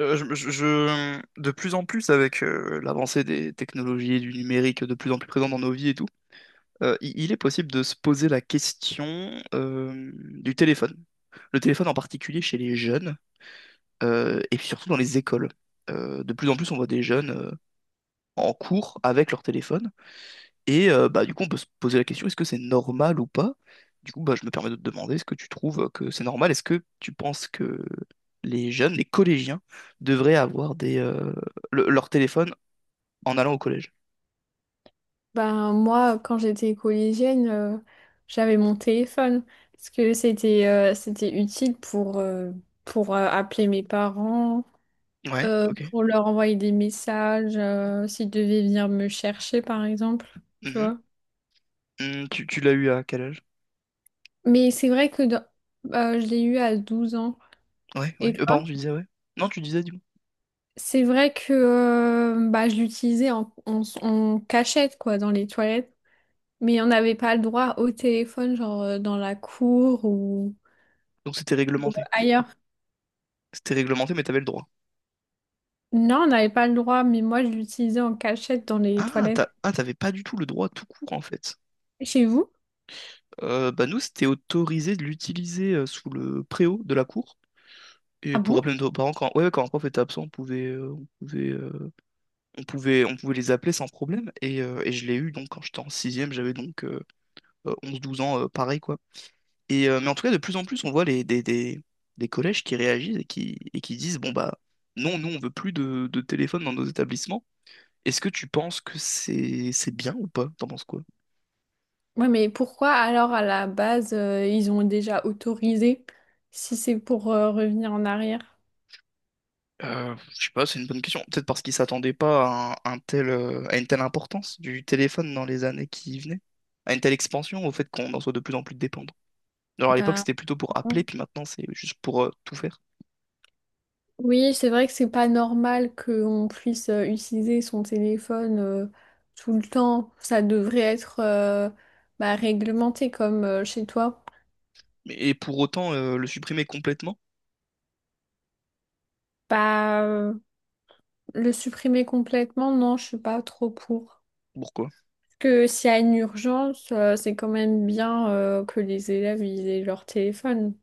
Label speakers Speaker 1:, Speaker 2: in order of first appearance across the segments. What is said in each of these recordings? Speaker 1: De plus en plus, avec l'avancée des technologies et du numérique de plus en plus présent dans nos vies et tout, il est possible de se poser la question du téléphone. Le téléphone en particulier chez les jeunes et puis surtout dans les écoles. De plus en plus, on voit des jeunes en cours avec leur téléphone. Et bah, du coup, on peut se poser la question, est-ce que c'est normal ou pas? Du coup, bah, je me permets de te demander, est-ce que tu trouves que c'est normal? Est-ce que tu penses que les jeunes, les collégiens, devraient avoir leur téléphone en allant au collège?
Speaker 2: Ben, moi, quand j'étais collégienne, j'avais mon téléphone parce que c'était utile pour appeler mes parents,
Speaker 1: Ouais, ok.
Speaker 2: pour leur envoyer des messages, s'ils devaient venir me chercher, par exemple, tu
Speaker 1: Mhm.
Speaker 2: vois.
Speaker 1: Mm, tu l'as eu à quel âge?
Speaker 2: Mais c'est vrai que dans- Je l'ai eu à 12 ans.
Speaker 1: Ouais, ouais.
Speaker 2: Et
Speaker 1: Pardon,
Speaker 2: toi?
Speaker 1: tu disais ouais. Non, tu disais du coup.
Speaker 2: C'est vrai que bah, je l'utilisais en cachette, quoi, dans les toilettes. Mais on n'avait pas le droit au téléphone, genre dans la cour ou
Speaker 1: Donc c'était réglementé. Mais
Speaker 2: ailleurs.
Speaker 1: c'était réglementé, mais t'avais le droit.
Speaker 2: Non, on n'avait pas le droit, mais moi je l'utilisais en cachette dans les
Speaker 1: Ah,
Speaker 2: toilettes.
Speaker 1: t'avais pas du tout le droit tout court en fait.
Speaker 2: Chez vous?
Speaker 1: Bah nous, c'était autorisé de l'utiliser sous le préau de la cour. Et
Speaker 2: Ah
Speaker 1: pour
Speaker 2: bon?
Speaker 1: appeler nos parents, quand, ouais, ouais, quand un prof était absent, on pouvait, euh, on pouvait les appeler sans problème. Et je l'ai eu donc quand j'étais en sixième, j'avais donc 11-12 ans, pareil quoi. Mais en tout cas, de plus en plus, on voit des collèges qui réagissent et qui disent, bon bah non, nous on veut plus de téléphone dans nos établissements. Est-ce que tu penses que c'est bien ou pas? T'en penses quoi?
Speaker 2: Ouais, mais pourquoi alors à la base ils ont déjà autorisé si c'est pour revenir en arrière?
Speaker 1: Je sais pas, c'est une bonne question. Peut-être parce qu'ils s'attendaient pas un tel, à une telle importance du téléphone dans les années qui venaient, à une telle expansion, au fait qu'on en soit de plus en plus dépendant. Alors à l'époque,
Speaker 2: Bah
Speaker 1: c'était plutôt pour appeler,
Speaker 2: non.
Speaker 1: puis maintenant, c'est juste pour tout faire.
Speaker 2: Oui, c'est vrai que c'est pas normal qu'on puisse utiliser son téléphone tout le temps. Ça devrait être bah, réglementé comme chez toi.
Speaker 1: Et pour autant, le supprimer complètement,
Speaker 2: Bah euh, le supprimer complètement, non, je suis pas trop pour.
Speaker 1: pourquoi?
Speaker 2: Que s'il y a une urgence, c'est quand même bien que les élèves ils aient leur téléphone.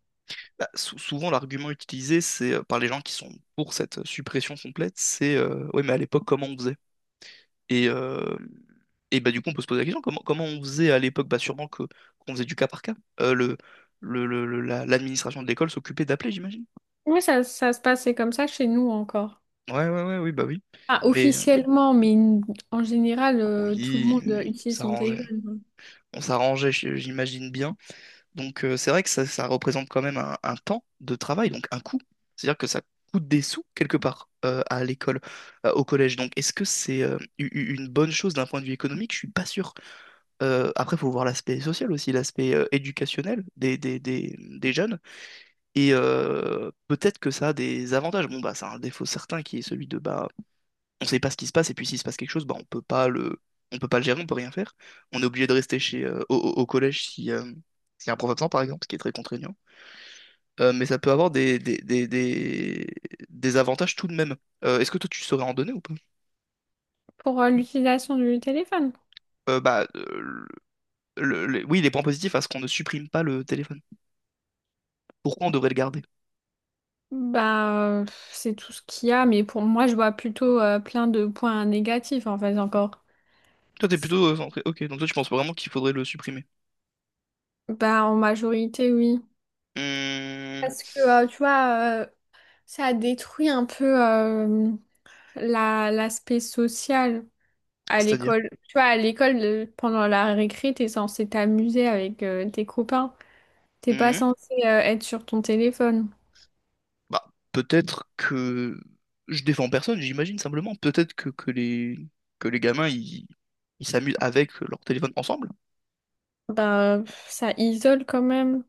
Speaker 1: Bah, souvent, l'argument utilisé c'est par les gens qui sont pour cette suppression complète, c'est ouais, mais à l'époque, comment on faisait? Et, euh, et bah, du coup, on peut se poser la question, comment on faisait à l'époque? Bah, sûrement qu'on faisait du cas par cas. Euh, le, L'administration de l'école s'occupait d'appeler, j'imagine.
Speaker 2: Oui, ça se passait comme ça chez nous encore.
Speaker 1: Ouais, ouais, ouais, oui, bah oui.
Speaker 2: Ah,
Speaker 1: Mais
Speaker 2: officiellement, en général, tout le
Speaker 1: oui,
Speaker 2: monde
Speaker 1: oui, on
Speaker 2: utilise son
Speaker 1: s'arrangeait.
Speaker 2: téléphone.
Speaker 1: On s'arrangeait, j'imagine bien. Donc, c'est vrai que ça représente quand même un temps de travail, donc un coût. C'est-à-dire que ça coûte des sous, quelque part, à l'école, au collège. Donc, est-ce que c'est une bonne chose d'un point de vue économique? Je suis pas sûr. Après, il faut voir l'aspect social aussi, l'aspect éducationnel des jeunes. Et peut-être que ça a des avantages. Bon, bah, ça a un défaut certain qui est celui de, bah, on sait pas ce qui se passe, et puis s'il se passe quelque chose, bah, on peut pas le gérer, on peut rien faire. On est obligé de rester au collège si, s'il y a un prof absent, par exemple, ce qui est très contraignant. Mais ça peut avoir des avantages tout de même. Est-ce que toi, tu saurais en donner ou pas?
Speaker 2: Pour l'utilisation du téléphone,
Speaker 1: Bah, oui, les points positifs à ce qu'on ne supprime pas le téléphone. Pourquoi on devrait le garder?
Speaker 2: bah, euh, c'est tout ce qu'il y a, mais pour moi, je vois plutôt plein de points négatifs en fait encore.
Speaker 1: Toi, t'es
Speaker 2: C'est-
Speaker 1: plutôt. Centré- Ok, donc toi, tu penses vraiment qu'il faudrait le supprimer.
Speaker 2: Bah, en majorité, oui.
Speaker 1: Hmm,
Speaker 2: Parce que, tu vois, ça détruit un peu l'aspect social. À
Speaker 1: c'est-à-dire.
Speaker 2: l'école, tu vois, à l'école, pendant la récré, t'es censé t'amuser avec tes copains. T'es pas
Speaker 1: Hmm,
Speaker 2: censé être sur ton téléphone.
Speaker 1: bah, peut-être que. Je défends personne, j'imagine simplement. Peut-être que les gamins, ils s'amusent avec leur téléphone ensemble.
Speaker 2: Bah, pff, ça isole quand même,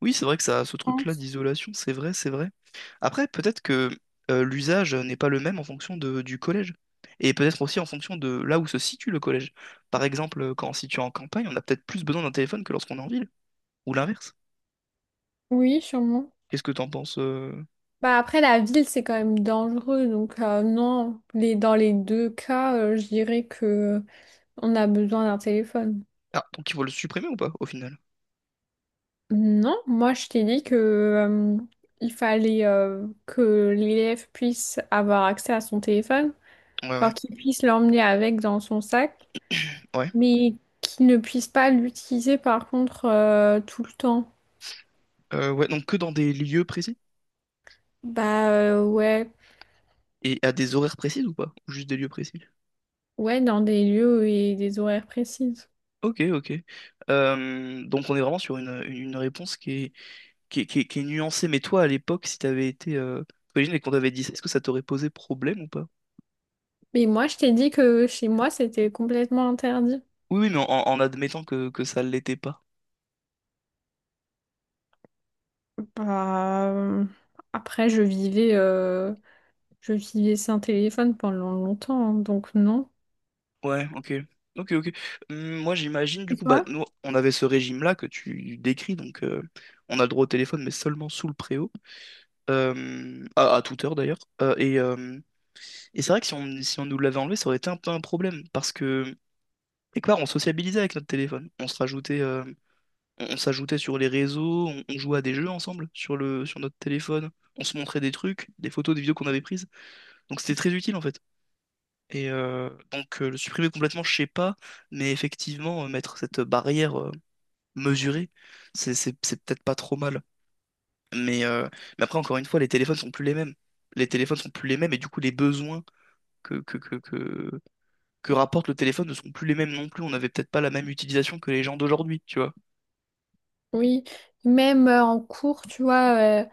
Speaker 1: Oui, c'est vrai que ça a ce
Speaker 2: je
Speaker 1: truc-là
Speaker 2: pense.
Speaker 1: d'isolation, c'est vrai, c'est vrai. Après, peut-être que l'usage n'est pas le même en fonction du collège. Et peut-être aussi en fonction de là où se situe le collège. Par exemple, quand on se situe en campagne, on a peut-être plus besoin d'un téléphone que lorsqu'on est en ville. Ou l'inverse.
Speaker 2: Oui, sûrement.
Speaker 1: Qu'est-ce que t'en penses?
Speaker 2: Bah, après, la ville, c'est quand même dangereux. Donc, non, les, dans les deux cas, je dirais que on a besoin d'un téléphone.
Speaker 1: Ah, donc ils vont le supprimer ou pas, au final?
Speaker 2: Non, moi, je t'ai dit que il fallait que l'élève puisse avoir accès à son téléphone,
Speaker 1: Ouais, ouais,
Speaker 2: alors qu'il puisse l'emmener avec dans son sac.
Speaker 1: ouais.
Speaker 2: Mais qu'ils ne puissent pas l'utiliser par contre tout le temps.
Speaker 1: Ouais, donc que dans des lieux précis?
Speaker 2: Ouais,
Speaker 1: Et à des horaires précis ou pas? Ou juste des lieux précis.
Speaker 2: ouais, dans des lieux et des horaires précises.
Speaker 1: Ok, ok. Donc on est vraiment sur une réponse qui est nuancée. Mais toi, à l'époque, si t'avais été... t'imagines, et qu'on t'avait dit ça, est-ce que ça t'aurait posé problème ou pas?
Speaker 2: Mais moi, je t'ai dit que chez moi, c'était complètement interdit.
Speaker 1: Oui, oui, mais en admettant que ça ne l'était pas.
Speaker 2: Bah, euh, après, je vivais sans téléphone pendant longtemps, hein, donc non.
Speaker 1: Ouais, ok. Ok, ok. Moi, j'imagine,
Speaker 2: Et
Speaker 1: du coup, bah,
Speaker 2: toi?
Speaker 1: nous, on avait ce régime-là que tu décris, donc on a le droit au téléphone, mais seulement sous le préau. À à toute heure d'ailleurs. Et c'est vrai que si on nous l'avait enlevé, ça aurait été un peu un problème, parce que, quelque part, on sociabilisait avec notre téléphone. On s'ajoutait sur les réseaux, on jouait à des jeux ensemble sur notre téléphone, on se montrait des trucs, des photos, des vidéos qu'on avait prises. Donc c'était très utile en fait. Le supprimer complètement, je sais pas, mais effectivement, mettre cette barrière mesurée, c'est peut-être pas trop mal. Mais, euh, mais après, encore une fois, les téléphones sont plus les mêmes. Les téléphones sont plus les mêmes et du coup, les besoins que, que, que, que, que rapporte le téléphone ne sont plus les mêmes non plus. On n'avait peut-être pas la même utilisation que les gens d'aujourd'hui, tu vois.
Speaker 2: Oui, même en cours, tu vois,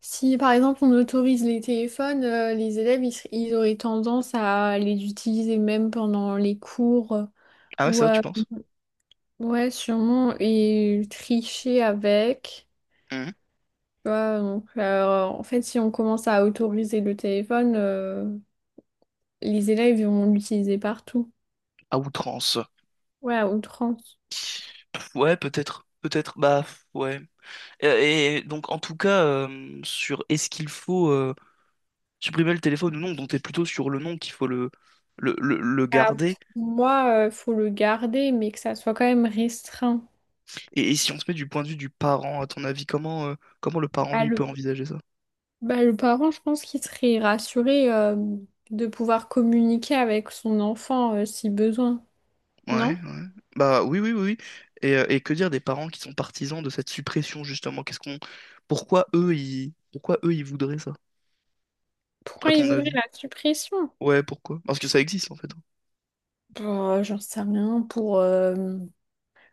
Speaker 2: si par exemple on autorise les téléphones, les élèves, ils auraient tendance à les utiliser même pendant les cours,
Speaker 1: Ah ouais,
Speaker 2: ou
Speaker 1: c'est vrai, tu
Speaker 2: à-
Speaker 1: penses?
Speaker 2: ouais, sûrement, et tricher avec,
Speaker 1: Mhm.
Speaker 2: tu vois, donc en fait, si on commence à autoriser le téléphone, les élèves ils vont l'utiliser partout,
Speaker 1: À outrance.
Speaker 2: ouais, à outrance.
Speaker 1: Ouais, peut-être. Peut-être. Bah, ouais. Et donc, en tout cas, sur est-ce qu'il faut supprimer le téléphone ou non, donc t'es plutôt sur le non qu'il faut le
Speaker 2: Ah,
Speaker 1: garder.
Speaker 2: pour moi, il faut le garder, mais que ça soit quand même restreint.
Speaker 1: Et si on se met du point de vue du parent, à ton avis, comment le parent,
Speaker 2: À
Speaker 1: lui, peut envisager ça?
Speaker 2: Bah, le parent, je pense qu'il serait rassuré de pouvoir communiquer avec son enfant si besoin,
Speaker 1: Ouais,
Speaker 2: non?
Speaker 1: ouais. Bah oui, oui, oui, oui. Et que dire des parents qui sont partisans de cette suppression, justement? Qu'est-ce qu'on... Pourquoi eux, ils voudraient ça, à
Speaker 2: Pourquoi il
Speaker 1: ton
Speaker 2: voudrait
Speaker 1: avis?
Speaker 2: la suppression?
Speaker 1: Ouais, pourquoi? Parce que ça existe, en fait.
Speaker 2: Bah, j'en sais rien,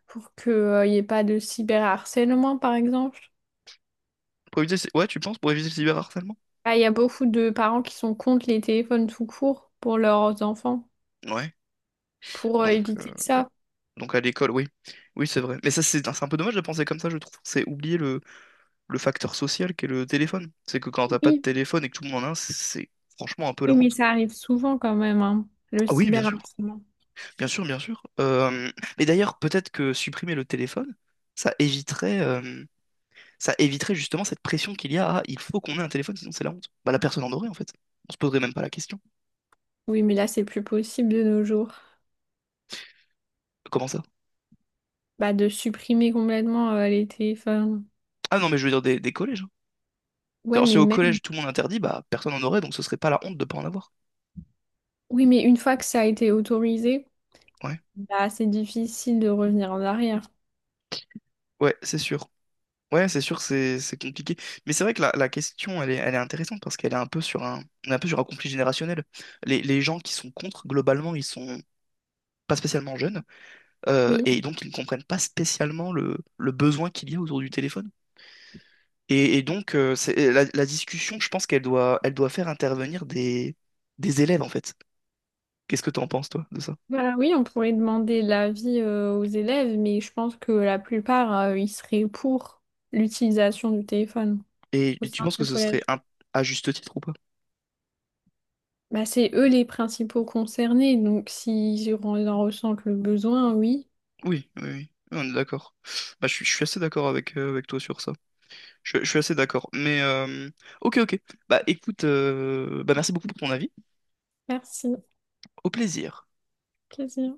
Speaker 2: pour qu'il n'y ait pas de cyberharcèlement, par exemple.
Speaker 1: Pour éviter... le cy- Ouais, tu penses, pour éviter le cyberharcèlement?
Speaker 2: Ah, il y a beaucoup de parents qui sont contre les téléphones tout court pour leurs enfants,
Speaker 1: Ouais.
Speaker 2: pour
Speaker 1: Donc,
Speaker 2: éviter
Speaker 1: euh,
Speaker 2: ça.
Speaker 1: donc à l'école, oui. Oui, c'est vrai. Mais ça, c'est un peu dommage de penser comme ça, je trouve. C'est oublier le facteur social qu'est le téléphone. C'est que quand t'as pas de
Speaker 2: Oui,
Speaker 1: téléphone et que tout le monde en a un, c'est franchement un peu la
Speaker 2: oui, mais
Speaker 1: honte.
Speaker 2: ça arrive souvent quand même, hein, le
Speaker 1: Ah oui, bien sûr.
Speaker 2: cyberharcèlement.
Speaker 1: Bien sûr, bien sûr. Mais d'ailleurs, peut-être que supprimer le téléphone, ça éviterait, euh, ça éviterait justement cette pression qu'il y a. Ah, il faut qu'on ait un téléphone, sinon c'est la honte. Bah, la personne en aurait, en fait. On se poserait même pas la question.
Speaker 2: Oui, mais là, c'est plus possible de nos jours.
Speaker 1: Comment ça?
Speaker 2: Bah, de supprimer complètement les téléphones.
Speaker 1: Ah non, mais je veux dire des collèges, hein.
Speaker 2: Ouais,
Speaker 1: Alors,
Speaker 2: mais
Speaker 1: si au
Speaker 2: même.
Speaker 1: collège tout le monde interdit, bah, personne en aurait, donc ce serait pas la honte de pas en avoir.
Speaker 2: Oui, mais une fois que ça a été autorisé,
Speaker 1: Ouais.
Speaker 2: bah, c'est difficile de revenir en arrière.
Speaker 1: Ouais, c'est sûr. Ouais, c'est sûr, c'est compliqué. Mais c'est vrai que la question, elle est intéressante parce qu'elle est un peu on est un peu sur un conflit générationnel. Les gens qui sont contre, globalement, ils sont pas spécialement jeunes. euh,
Speaker 2: Oui.
Speaker 1: et donc ils ne comprennent pas spécialement le besoin qu'il y a autour du téléphone. Et donc la discussion, je pense elle doit faire intervenir des élèves en fait. Qu'est-ce que tu en penses toi de ça?
Speaker 2: Bah, oui, on pourrait demander l'avis aux élèves, mais je pense que la plupart, ils seraient pour l'utilisation du téléphone
Speaker 1: Et,
Speaker 2: au
Speaker 1: et tu
Speaker 2: sein
Speaker 1: penses que
Speaker 2: du
Speaker 1: ce serait
Speaker 2: collège.
Speaker 1: à juste titre ou pas?
Speaker 2: Bah, c'est eux les principaux concernés, donc s'ils en ressentent le besoin, oui.
Speaker 1: Oui, oui, oui. On est d'accord. Bah, je suis assez d'accord avec toi sur ça. Je suis assez d'accord. Ok, ok. Bah écoute, bah merci beaucoup pour ton avis.
Speaker 2: Merci.
Speaker 1: Au plaisir.
Speaker 2: Plaisir.